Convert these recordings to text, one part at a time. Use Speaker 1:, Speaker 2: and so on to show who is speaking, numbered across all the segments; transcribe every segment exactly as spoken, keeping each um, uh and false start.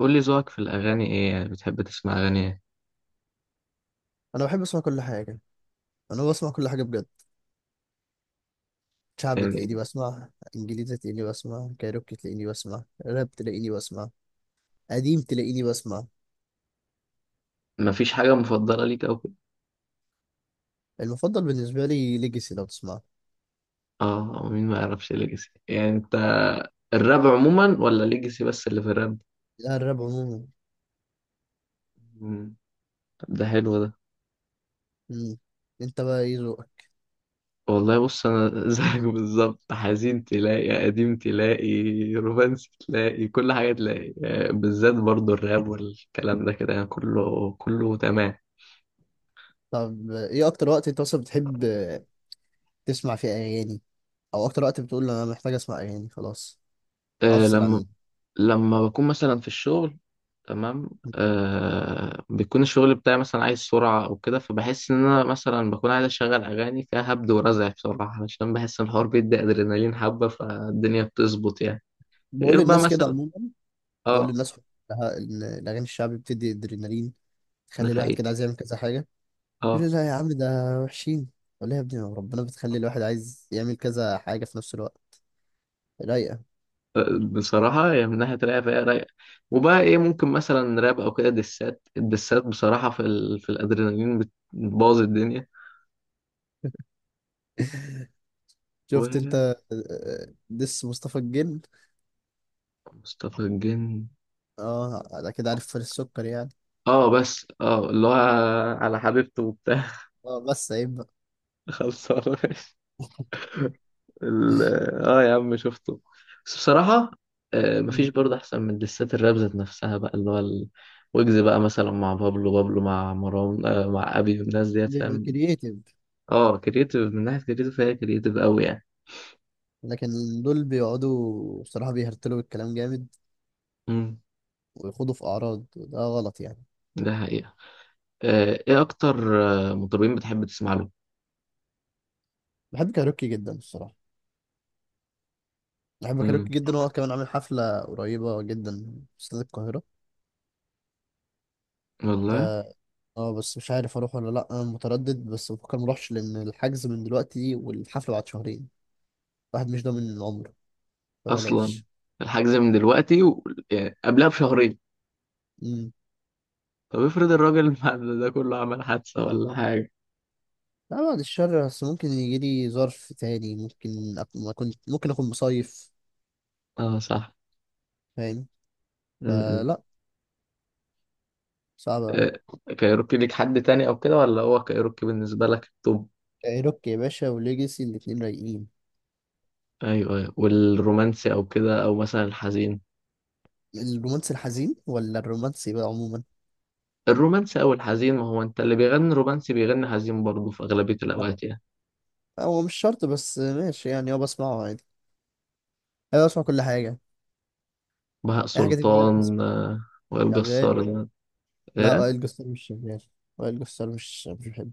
Speaker 1: قول لي ذوقك في الأغاني إيه؟ يعني بتحب تسمع أغاني إيه؟
Speaker 2: انا بحب اسمع كل حاجه. انا بسمع كل حاجه بجد. شعبي تلاقيني
Speaker 1: يعني
Speaker 2: بسمع. انجليزي تلاقيني بسمع، كايروكي تلاقيني بسمع، راب تلاقيني بسمع. قديم تلاقيني بسمع.
Speaker 1: مفيش حاجة مفضلة ليك أو كده؟
Speaker 2: المفضل بالنسبه لي ليجاسي لو تسمع.
Speaker 1: آه مين ما يعرفش ليجاسي؟ يعني أنت الراب عموما ولا ليجاسي بس اللي في الراب؟
Speaker 2: لا، الراب عموما.
Speaker 1: مم. طب ده حلو ده.
Speaker 2: مم. انت بقى ايه ذوقك؟
Speaker 1: والله بص، أنا زيك بالظبط، حزين تلاقي، قديم تلاقي، رومانسي تلاقي، كل حاجة تلاقي. آه، بالذات برضو الراب والكلام ده كده، يعني كله كله تمام.
Speaker 2: طب ايه اكتر وقت انت اصلا بتحب تسمع فيه اغاني؟ او اكتر وقت بتقول انا محتاج اسمع اغاني خلاص؟
Speaker 1: آه
Speaker 2: افصل
Speaker 1: لما
Speaker 2: عن.
Speaker 1: لما بكون مثلا في الشغل، تمام. آه بيكون الشغل بتاعي مثلا عايز سرعة أو كده، فبحس إن أنا مثلا بكون عايز أشغل أغاني فيها هبد ورزع بسرعة، علشان بحس إن الحوار بيدي أدرينالين حبة، فالدنيا بتظبط يعني.
Speaker 2: بقول
Speaker 1: غير بقى
Speaker 2: للناس كده
Speaker 1: مثلا.
Speaker 2: عموما. بقول
Speaker 1: آه
Speaker 2: للناس كلها ان الاغاني الشعبي بتدي ادرينالين.
Speaker 1: ده
Speaker 2: تخلي الواحد
Speaker 1: حقيقي.
Speaker 2: كده عايز يعمل كذا حاجه. يقول
Speaker 1: آه
Speaker 2: لي لا يا عم، ده وحشين. ولا يا ابني، ربنا بتخلي الواحد عايز يعمل كذا حاجة في نفس الوقت. رايقة.
Speaker 1: آه، بصراحة يعني من ناحية رايقة فهي رايقة. وبقى إيه ممكن مثلا راب أو كده دسات؟ الدسات بصراحة في, ال... في الأدرينالين بت- بتبوظ الدنيا.
Speaker 2: شفت انت.
Speaker 1: ومصطفى
Speaker 2: آه، دس مصطفى الجن.
Speaker 1: الجن.
Speaker 2: اه، ده كده عارف فارس السكر يعني.
Speaker 1: آه بس آه اللي هو على حبيبته وبتاع.
Speaker 2: اه، بس عيب بقى.
Speaker 1: خلصانة. ال... اه يا عم شفته. بس بصراحة، آه مفيش
Speaker 2: مم.
Speaker 1: برضه أحسن من دسات الراب ذات نفسها بقى، اللي هو ال- ويجز بقى مثلا مع بابلو بابلو مع مروان، آه مع أبي والناس ديت
Speaker 2: بيبقى
Speaker 1: فاهم.
Speaker 2: كرييتيف.
Speaker 1: اه، كريتيف، من ناحية كريتيف فهي كريتيف أوي يعني.
Speaker 2: لكن دول بيقعدوا بصراحة بيهرتلوا الكلام جامد،
Speaker 1: امم
Speaker 2: ويخوضوا في أعراض وده غلط يعني.
Speaker 1: ده حقيقة. آه إيه أكتر آه مطربين بتحب تسمع له؟
Speaker 2: بحب كايروكي جدا الصراحة. بحب
Speaker 1: امم
Speaker 2: كايروكي جدا، هو كمان عامل حفلة قريبة جدا في استاد القاهرة.
Speaker 1: والله.
Speaker 2: اه. آه، بس مش عارف اروح ولا لا، انا متردد بس بفكر مروحش لان الحجز من دلوقتي والحفله بعد شهرين. الواحد مش ضامن العمر،
Speaker 1: أصلا
Speaker 2: فبلاش.
Speaker 1: الحجز من دلوقتي و... يعني قبلها بشهرين.
Speaker 2: امم.
Speaker 1: طب افرض الراجل بعد ده كله عمل حادثة ولا حاجة؟
Speaker 2: لا بعد الشر، بس ممكن يجي لي ظرف تاني، ممكن أك... ما كنت ممكن اكون مصيف.
Speaker 1: اه صح.
Speaker 2: فاهم.
Speaker 1: امم
Speaker 2: فلا. صعب قوي.
Speaker 1: آه، كايروكي ليك حد تاني او كده، ولا هو كايروكي بالنسبه لك التوب؟
Speaker 2: روك يا باشا وليجاسي الاتنين رايقين.
Speaker 1: ايوه ايوه، والرومانسي او كده، او مثلا الحزين؟
Speaker 2: الرومانسي الحزين ولا الرومانسي بقى عموما؟
Speaker 1: الرومانسي او الحزين؟ ما هو انت اللي بيغني رومانسي بيغني حزين برضه في اغلبيه
Speaker 2: لا،
Speaker 1: الاوقات يعني.
Speaker 2: هو مش شرط، بس ماشي يعني، اه بسمعه عادي. انا بسمع كل حاجه.
Speaker 1: بهاء
Speaker 2: اي حاجه تيجي في بالك
Speaker 1: سلطان
Speaker 2: بسمعها.
Speaker 1: آه، وائل
Speaker 2: شغال.
Speaker 1: جسار ده؟
Speaker 2: لا،
Speaker 1: ايه؟
Speaker 2: وائل جسار مش شغال. وائل جسار مش مش بحب.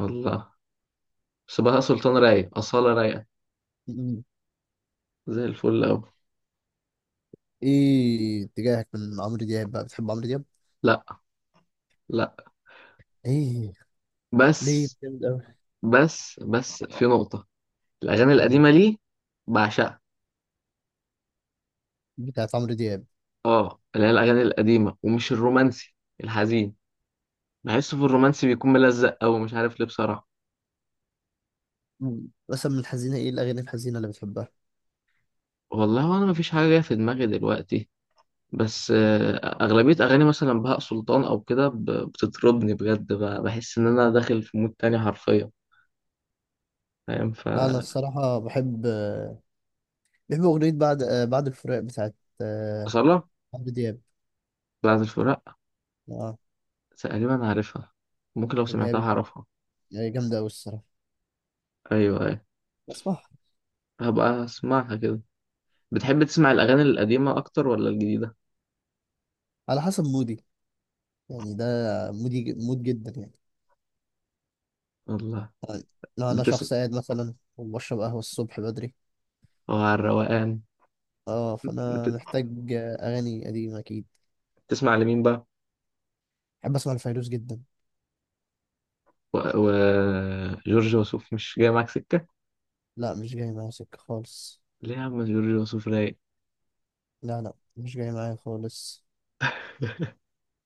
Speaker 1: والله. بس بهاء سلطان رايق، اصاله رايقه،
Speaker 2: ايه.
Speaker 1: زي الفل اوي.
Speaker 2: ايه اتجاهك من عمرو دياب بقى؟ بتحب عمرو دياب؟
Speaker 1: لا. لا.
Speaker 2: ايه. ليه؟
Speaker 1: بس.
Speaker 2: جامد قوي.
Speaker 1: بس بس في نقطه، الاغاني
Speaker 2: مم.
Speaker 1: القديمه ليه بعشقها.
Speaker 2: بتاعت عمرو دياب.
Speaker 1: اه، اللي هي الاغاني القديمه، ومش الرومانسي، الحزين. بحسه في الرومانسي بيكون ملزق أوي، مش عارف ليه بصراحة.
Speaker 2: مم. مثلا من الحزينه ايه الاغاني الحزينه اللي بتحبها؟
Speaker 1: والله أنا مفيش حاجة جاية في دماغي دلوقتي. بس آه، أغلبية أغاني مثلا بهاء سلطان أو كده، ب- بتطربني بجد، ب- بحس إن أنا داخل في مود تاني حرفيا. فاهم ف
Speaker 2: لا انا الصراحه بحب، آه، بحب اغنيه بعد، آه، بعد الفراق بتاعت آه،
Speaker 1: أصالة.
Speaker 2: عمرو دياب.
Speaker 1: بعد الفراق.
Speaker 2: اه.
Speaker 1: تقريبا عارفها. ممكن لو
Speaker 2: اللي هي
Speaker 1: سمعتها
Speaker 2: بت-
Speaker 1: هعرفها.
Speaker 2: هي جامده قوي الصراحه.
Speaker 1: أيوه أيوه.
Speaker 2: بسمعها.
Speaker 1: هبقى أسمعها كده. بتحب تسمع الأغاني القديمة أكتر ولا الجديدة؟
Speaker 2: على حسب مودي. يعني ده مودي مود جدا يعني.
Speaker 1: والله.
Speaker 2: لو انا
Speaker 1: بتسمع.
Speaker 2: شخص قاعد مثلا وبشرب قهوه الصبح بدري.
Speaker 1: هو على الروقان.
Speaker 2: اه، فانا
Speaker 1: بت-
Speaker 2: محتاج اغاني قديمه اكيد.
Speaker 1: بتسمع لمين بقى؟
Speaker 2: بحب اسمع لفيروز جدا.
Speaker 1: و... و... جورج وسوف مش جاي معاك سكة؟
Speaker 2: لا، مش جاي معايا سكه خالص.
Speaker 1: ليه يا عم، جورج وسوف رايق.
Speaker 2: لا، لا، مش جاي معايا خالص.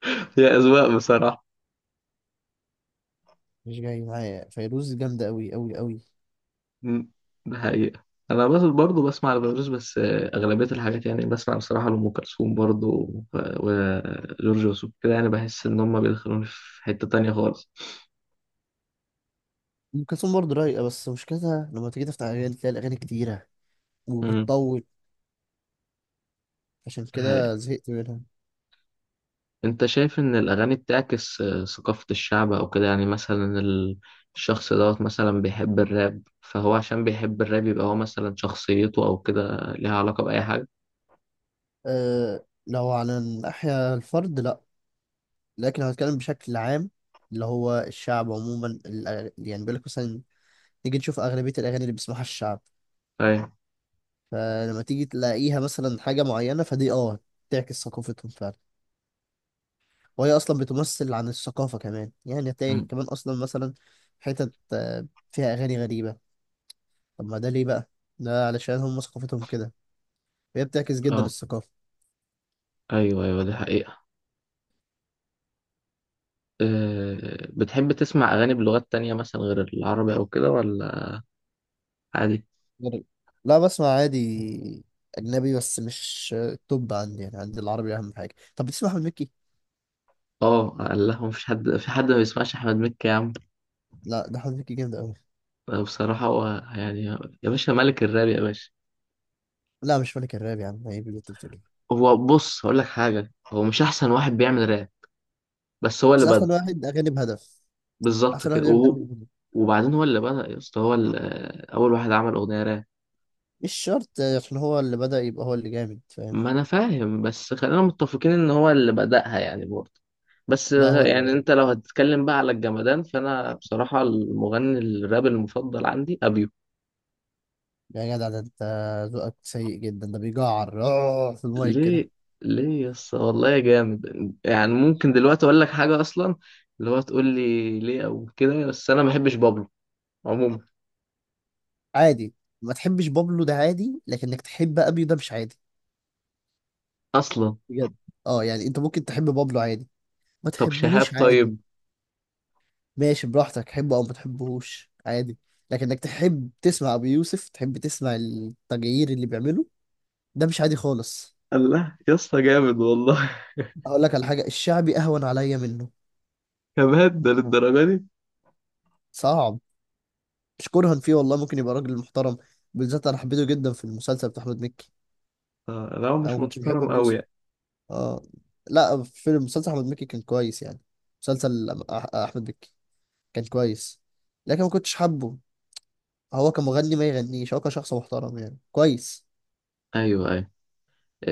Speaker 1: هي أذواق بصراحة.
Speaker 2: مش جاي معايا، فيروز جامده قوي قوي قوي.
Speaker 1: مم. ده حقيقة. أنا بس برضه بسمع لفيروز بس، آه، أغلبية الحاجات يعني بسمع بصراحة لأم كلثوم برضه و- وجورج وسوف كده، يعني بحس إن هما بيدخلوني في حتة تانية خالص.
Speaker 2: ام كلثوم برضه رايقه، بس مشكلتها لما تيجي تفتح اغاني تلاقي الاغاني كتيره،
Speaker 1: مم.
Speaker 2: وبتطول. عشان
Speaker 1: ده حقيقة.
Speaker 2: كده زهقت منها.
Speaker 1: أنت شايف إن الأغاني بتعكس آه، ثقافة الشعب أو كده؟ يعني مثلا ال- الشخص دوت مثلا بيحب الراب، فهو عشان بيحب الراب يبقى هو مثلا شخصيته أو كده ليها علاقة بأي حاجة؟
Speaker 2: أه، لو على الناحيه الفرد لا. لكن لو هتكلم بشكل عام، اللي هو الشعب عموما، الأغ- يعني بيقول لك مثلا نيجي نشوف اغلبيه الاغاني اللي بيسمعها الشعب.
Speaker 1: أيوة.
Speaker 2: فلما تيجي تلاقيها مثلا حاجة معينة فدي اه تعكس ثقافتهم فعلا. وهي أصلا بتمثل عن الثقافة كمان، يعني هتلاقي
Speaker 1: مم.
Speaker 2: كمان أصلا مثلا حتت آه، فيها أغاني غريبة. طب ما ده ليه بقى؟ ده علشان هم ثقافتهم كده. هي بتعكس جدا
Speaker 1: أه.
Speaker 2: الثقافة.
Speaker 1: أيوه أيوه دي حقيقة. آه، بتحب تسمع أغاني بلغات تانية مثلا غير العربي أو كده، ولا عادي؟
Speaker 2: غريب. لا، بسمع عادي. أجنبي، بس مش آه، التوب عندي، يعني عندي العربي أهم حاجة. طب بتسمع أحمد مكي؟
Speaker 1: اه لا، هو مفيش حد، في حد ما بيسمعش أحمد مكي يا عم؟
Speaker 2: لا، ده أحمد مكي جامد أوي.
Speaker 1: آه، بصراحة هو، يعني، يا باشا ملك الراب يا باشا.
Speaker 2: لا، مش ملك الراب يا عم، عيب اللي أنت بتقوله.
Speaker 1: هو بص، هقول لك حاجة، هو مش أحسن واحد بيعمل راب، بس هو
Speaker 2: بس
Speaker 1: اللي بدأ.
Speaker 2: أحسن واحد أغاني بهدف.
Speaker 1: بالظبط
Speaker 2: أحسن واحد
Speaker 1: كده،
Speaker 2: بيعمل
Speaker 1: وهو
Speaker 2: أغاني بهدف.
Speaker 1: وبعدين هو اللي بدأ يا اسطى، هو اللي- آه، أول واحد عمل أغنية راب.
Speaker 2: مش شرط. عشان هو اللي بدأ يبقى هو اللي جامد؟ فاهم.
Speaker 1: ما انا فاهم، بس خلينا متفقين ان هو اللي بدأها يعني برضه. بس
Speaker 2: لا، هو
Speaker 1: غ-
Speaker 2: اللي
Speaker 1: يعني
Speaker 2: بدأ.
Speaker 1: انت لو هتتكلم بقى على الجمدان، فانا بصراحة المغني الراب المفضل عندي ابيو.
Speaker 2: يعني يا جدع، ده انت ذوقك سيء جدا، ده بيجعر آه، في المايك
Speaker 1: ليه؟
Speaker 2: كده.
Speaker 1: ليه يس والله يا جامد؟ يعني ممكن دلوقتي اقول لك حاجة، اصلا اللي هو تقول لي ليه او كده، بس انا ما بحبش بابلو عموما.
Speaker 2: عادي. ما تحبش بابلو ده عادي، لكنك تحب ابيو ده مش عادي.
Speaker 1: اصلا،
Speaker 2: بجد. اه، يعني انت ممكن تحب بابلو عادي، ما
Speaker 1: طب شهاب
Speaker 2: تحبهوش عادي.
Speaker 1: طيب.
Speaker 2: ماشي براحتك، تحبه او ما تحبهوش عادي. لكنك تحب تسمع ابو يوسف، تحب تسمع التغيير اللي بيعمله، ده مش عادي خالص.
Speaker 1: الله يا اسطى جامد والله.
Speaker 2: اقول لك على حاجه، الشعبي اهون عليا منه.
Speaker 1: كمان ده للدرجة دي؟
Speaker 2: صعب. مش كرها فيه والله، ممكن يبقى راجل محترم. بالذات انا حبيته جدا في المسلسل بتاع احمد مكي.
Speaker 1: آه، لا، هو
Speaker 2: انا
Speaker 1: مش
Speaker 2: ما كنتش بحب
Speaker 1: محترم
Speaker 2: ابو
Speaker 1: قوي
Speaker 2: يوسف.
Speaker 1: يعني.
Speaker 2: اه. لا، في مسلسل احمد مكي كان كويس يعني. مسلسل أم- أح- احمد مكي كان كويس. لكن ما كنتش حابه. هو كمغني ما يغنيش، هو كشخص محترم يعني كويس.
Speaker 1: ايوه ايوه.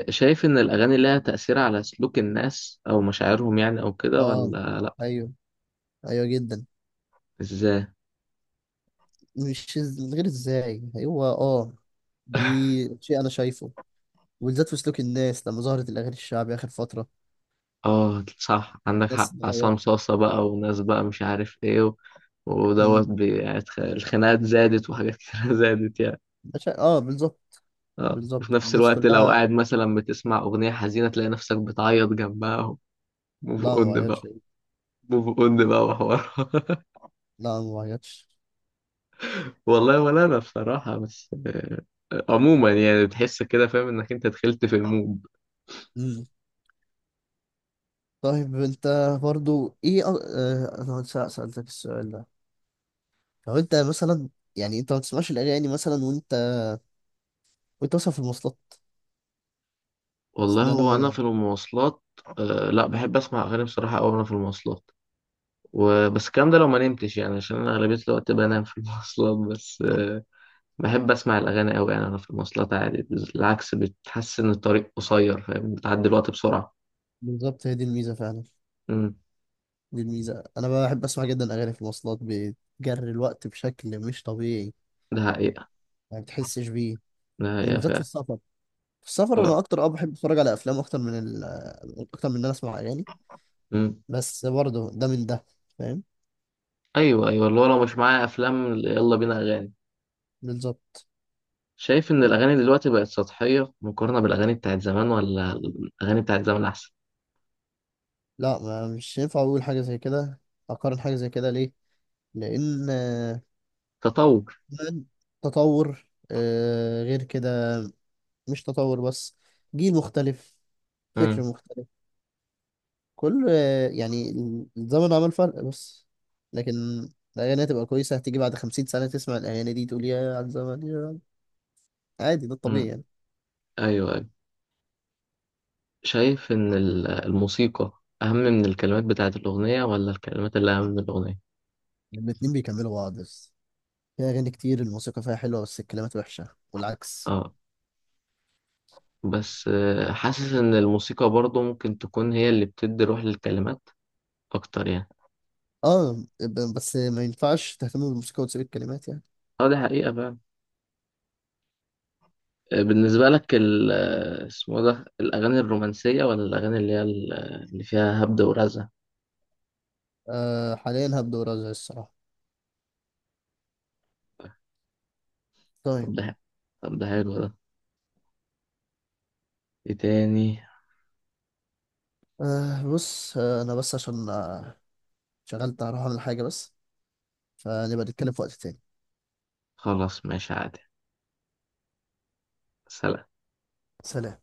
Speaker 1: شايف إن الأغاني لها تأثير على سلوك الناس أو مشاعرهم، يعني أو كده
Speaker 2: اه.
Speaker 1: ولا لأ؟
Speaker 2: ايوه. ايوه جدا.
Speaker 1: إزاي؟
Speaker 2: مش إز- من غير ازاي، هو اه دي شيء انا شايفه. وبالذات في سلوك الناس لما ظهرت الاغاني الشعبي اخر فتره.
Speaker 1: آه صح، عندك
Speaker 2: الناس
Speaker 1: حق، عصام
Speaker 2: اتغيرت.
Speaker 1: صاصة بقى وناس بقى مش عارف إيه و- ودوت
Speaker 2: أمم.
Speaker 1: بي- يعني اتخ- الخناقات زادت، وحاجات كتير زادت يعني.
Speaker 2: أنا شا- اه بالظبط.
Speaker 1: آه وفي
Speaker 2: بالظبط،
Speaker 1: نفس
Speaker 2: الناس
Speaker 1: الوقت لو
Speaker 2: كلها.
Speaker 1: قاعد مثلا بتسمع أغنية حزينة تلاقي نفسك بتعيط جنبها. موف
Speaker 2: لا، ما
Speaker 1: أون بقى.
Speaker 2: وعيتش.
Speaker 1: موف أون بقى وحوار.
Speaker 2: لا، ما وعيتش.
Speaker 1: والله ولا أنا بصراحة، بس آه، عموما يعني بتحس كده، فاهم إنك أنت دخلت في المود.
Speaker 2: مم. طيب انت، برضو ايه أ... اه انا س- سألتك السؤال ده. لو انت مثلا، يعني انت ما بتسمعش الاغاني مثلا وانت وانت مثلا في المواصلات. بس
Speaker 1: والله
Speaker 2: ان انا
Speaker 1: هو انا
Speaker 2: ما...
Speaker 1: في المواصلات، آه لا بحب اسمع اغاني بصراحه قوي وانا في المواصلات، وبس الكلام ده لو ما نمتش، يعني عشان انا اغلبيه الوقت بنام في المواصلات، بس آه بحب اسمع الاغاني قوي، يعني انا في المواصلات عادي، بالعكس بتحس ان الطريق قصير فاهم، بتعدي الوقت بسرعه.
Speaker 2: بالظبط، هي دي الميزة فعلا.
Speaker 1: امم
Speaker 2: دي الميزة، انا بحب اسمع جدا اغاني في المواصلات، بتجري الوقت بشكل مش طبيعي.
Speaker 1: ده حقيقه.
Speaker 2: ما بتحسش بيه.
Speaker 1: ده حقيقه
Speaker 2: وبالذات في
Speaker 1: فعلا.
Speaker 2: السفر. في السفر انا
Speaker 1: اه.
Speaker 2: اكتر اه بحب اتفرج على افلام اكتر من ال... اكتر من ان انا اسمع اغاني.
Speaker 1: امم
Speaker 2: بس برضو ده من ده. فاهم.
Speaker 1: ايوه ايوه، اللي هو لو مش معايا افلام يلا بينا اغاني.
Speaker 2: بالظبط.
Speaker 1: شايف ان الاغاني دلوقتي بقت سطحيه مقارنه بالاغاني بتاعت زمان، ولا الاغاني بتاعت زمان احسن؟
Speaker 2: لا ما مش ينفع اقول حاجه زي كده، اقارن حاجه زي كده ليه؟ لان آه،
Speaker 1: تطور.
Speaker 2: فعلاً. تطور، آه، غير كده. مش تطور بس، جيل مختلف، فكر
Speaker 1: امم
Speaker 2: مختلف. كل آه، يعني الزمن عمل فرق بس. لكن الاغاني هتبقى كويسه، هتيجي بعد خمسين سنه تسمع الاغاني دي تقول يا على الزمن يا. عادي، ده الطبيعي
Speaker 1: امم
Speaker 2: يعني.
Speaker 1: ايوه. شايف إن ال- الموسيقى أهم من الكلمات بتاعة الأغنية، ولا الكلمات اللي أهم من الأغنية؟
Speaker 2: الاتنين بيكملوا بعض، بس في اغاني كتير الموسيقى فيها حلوه بس الكلمات وحشه والعكس.
Speaker 1: آه بس آه، حاسس إن الموسيقى برضه ممكن تكون هي اللي بتدي روح للكلمات أكتر يعني.
Speaker 2: اه، ب- بس ما ينفعش تهتم بالموسيقى وتسيب الكلمات يعني.
Speaker 1: آه دي حقيقة بقى. بالنسبة لك ال آه، اسمه ده الأغاني الرومانسية ولا الأغاني اللي هي ال- آه، اللي فيها هبد ورزع؟
Speaker 2: آه حاليا هبدأ ورزع الصراحة. طيب.
Speaker 1: طب ده حلو. طب ده حلو ده. إيه تاني؟
Speaker 2: آه بص، آه انا بس عشان آه شغلت هروح اعمل حاجة بس، فنبقى نتكلم في وقت تاني.
Speaker 1: خلاص ماشي عادي. سلام.
Speaker 2: سلام.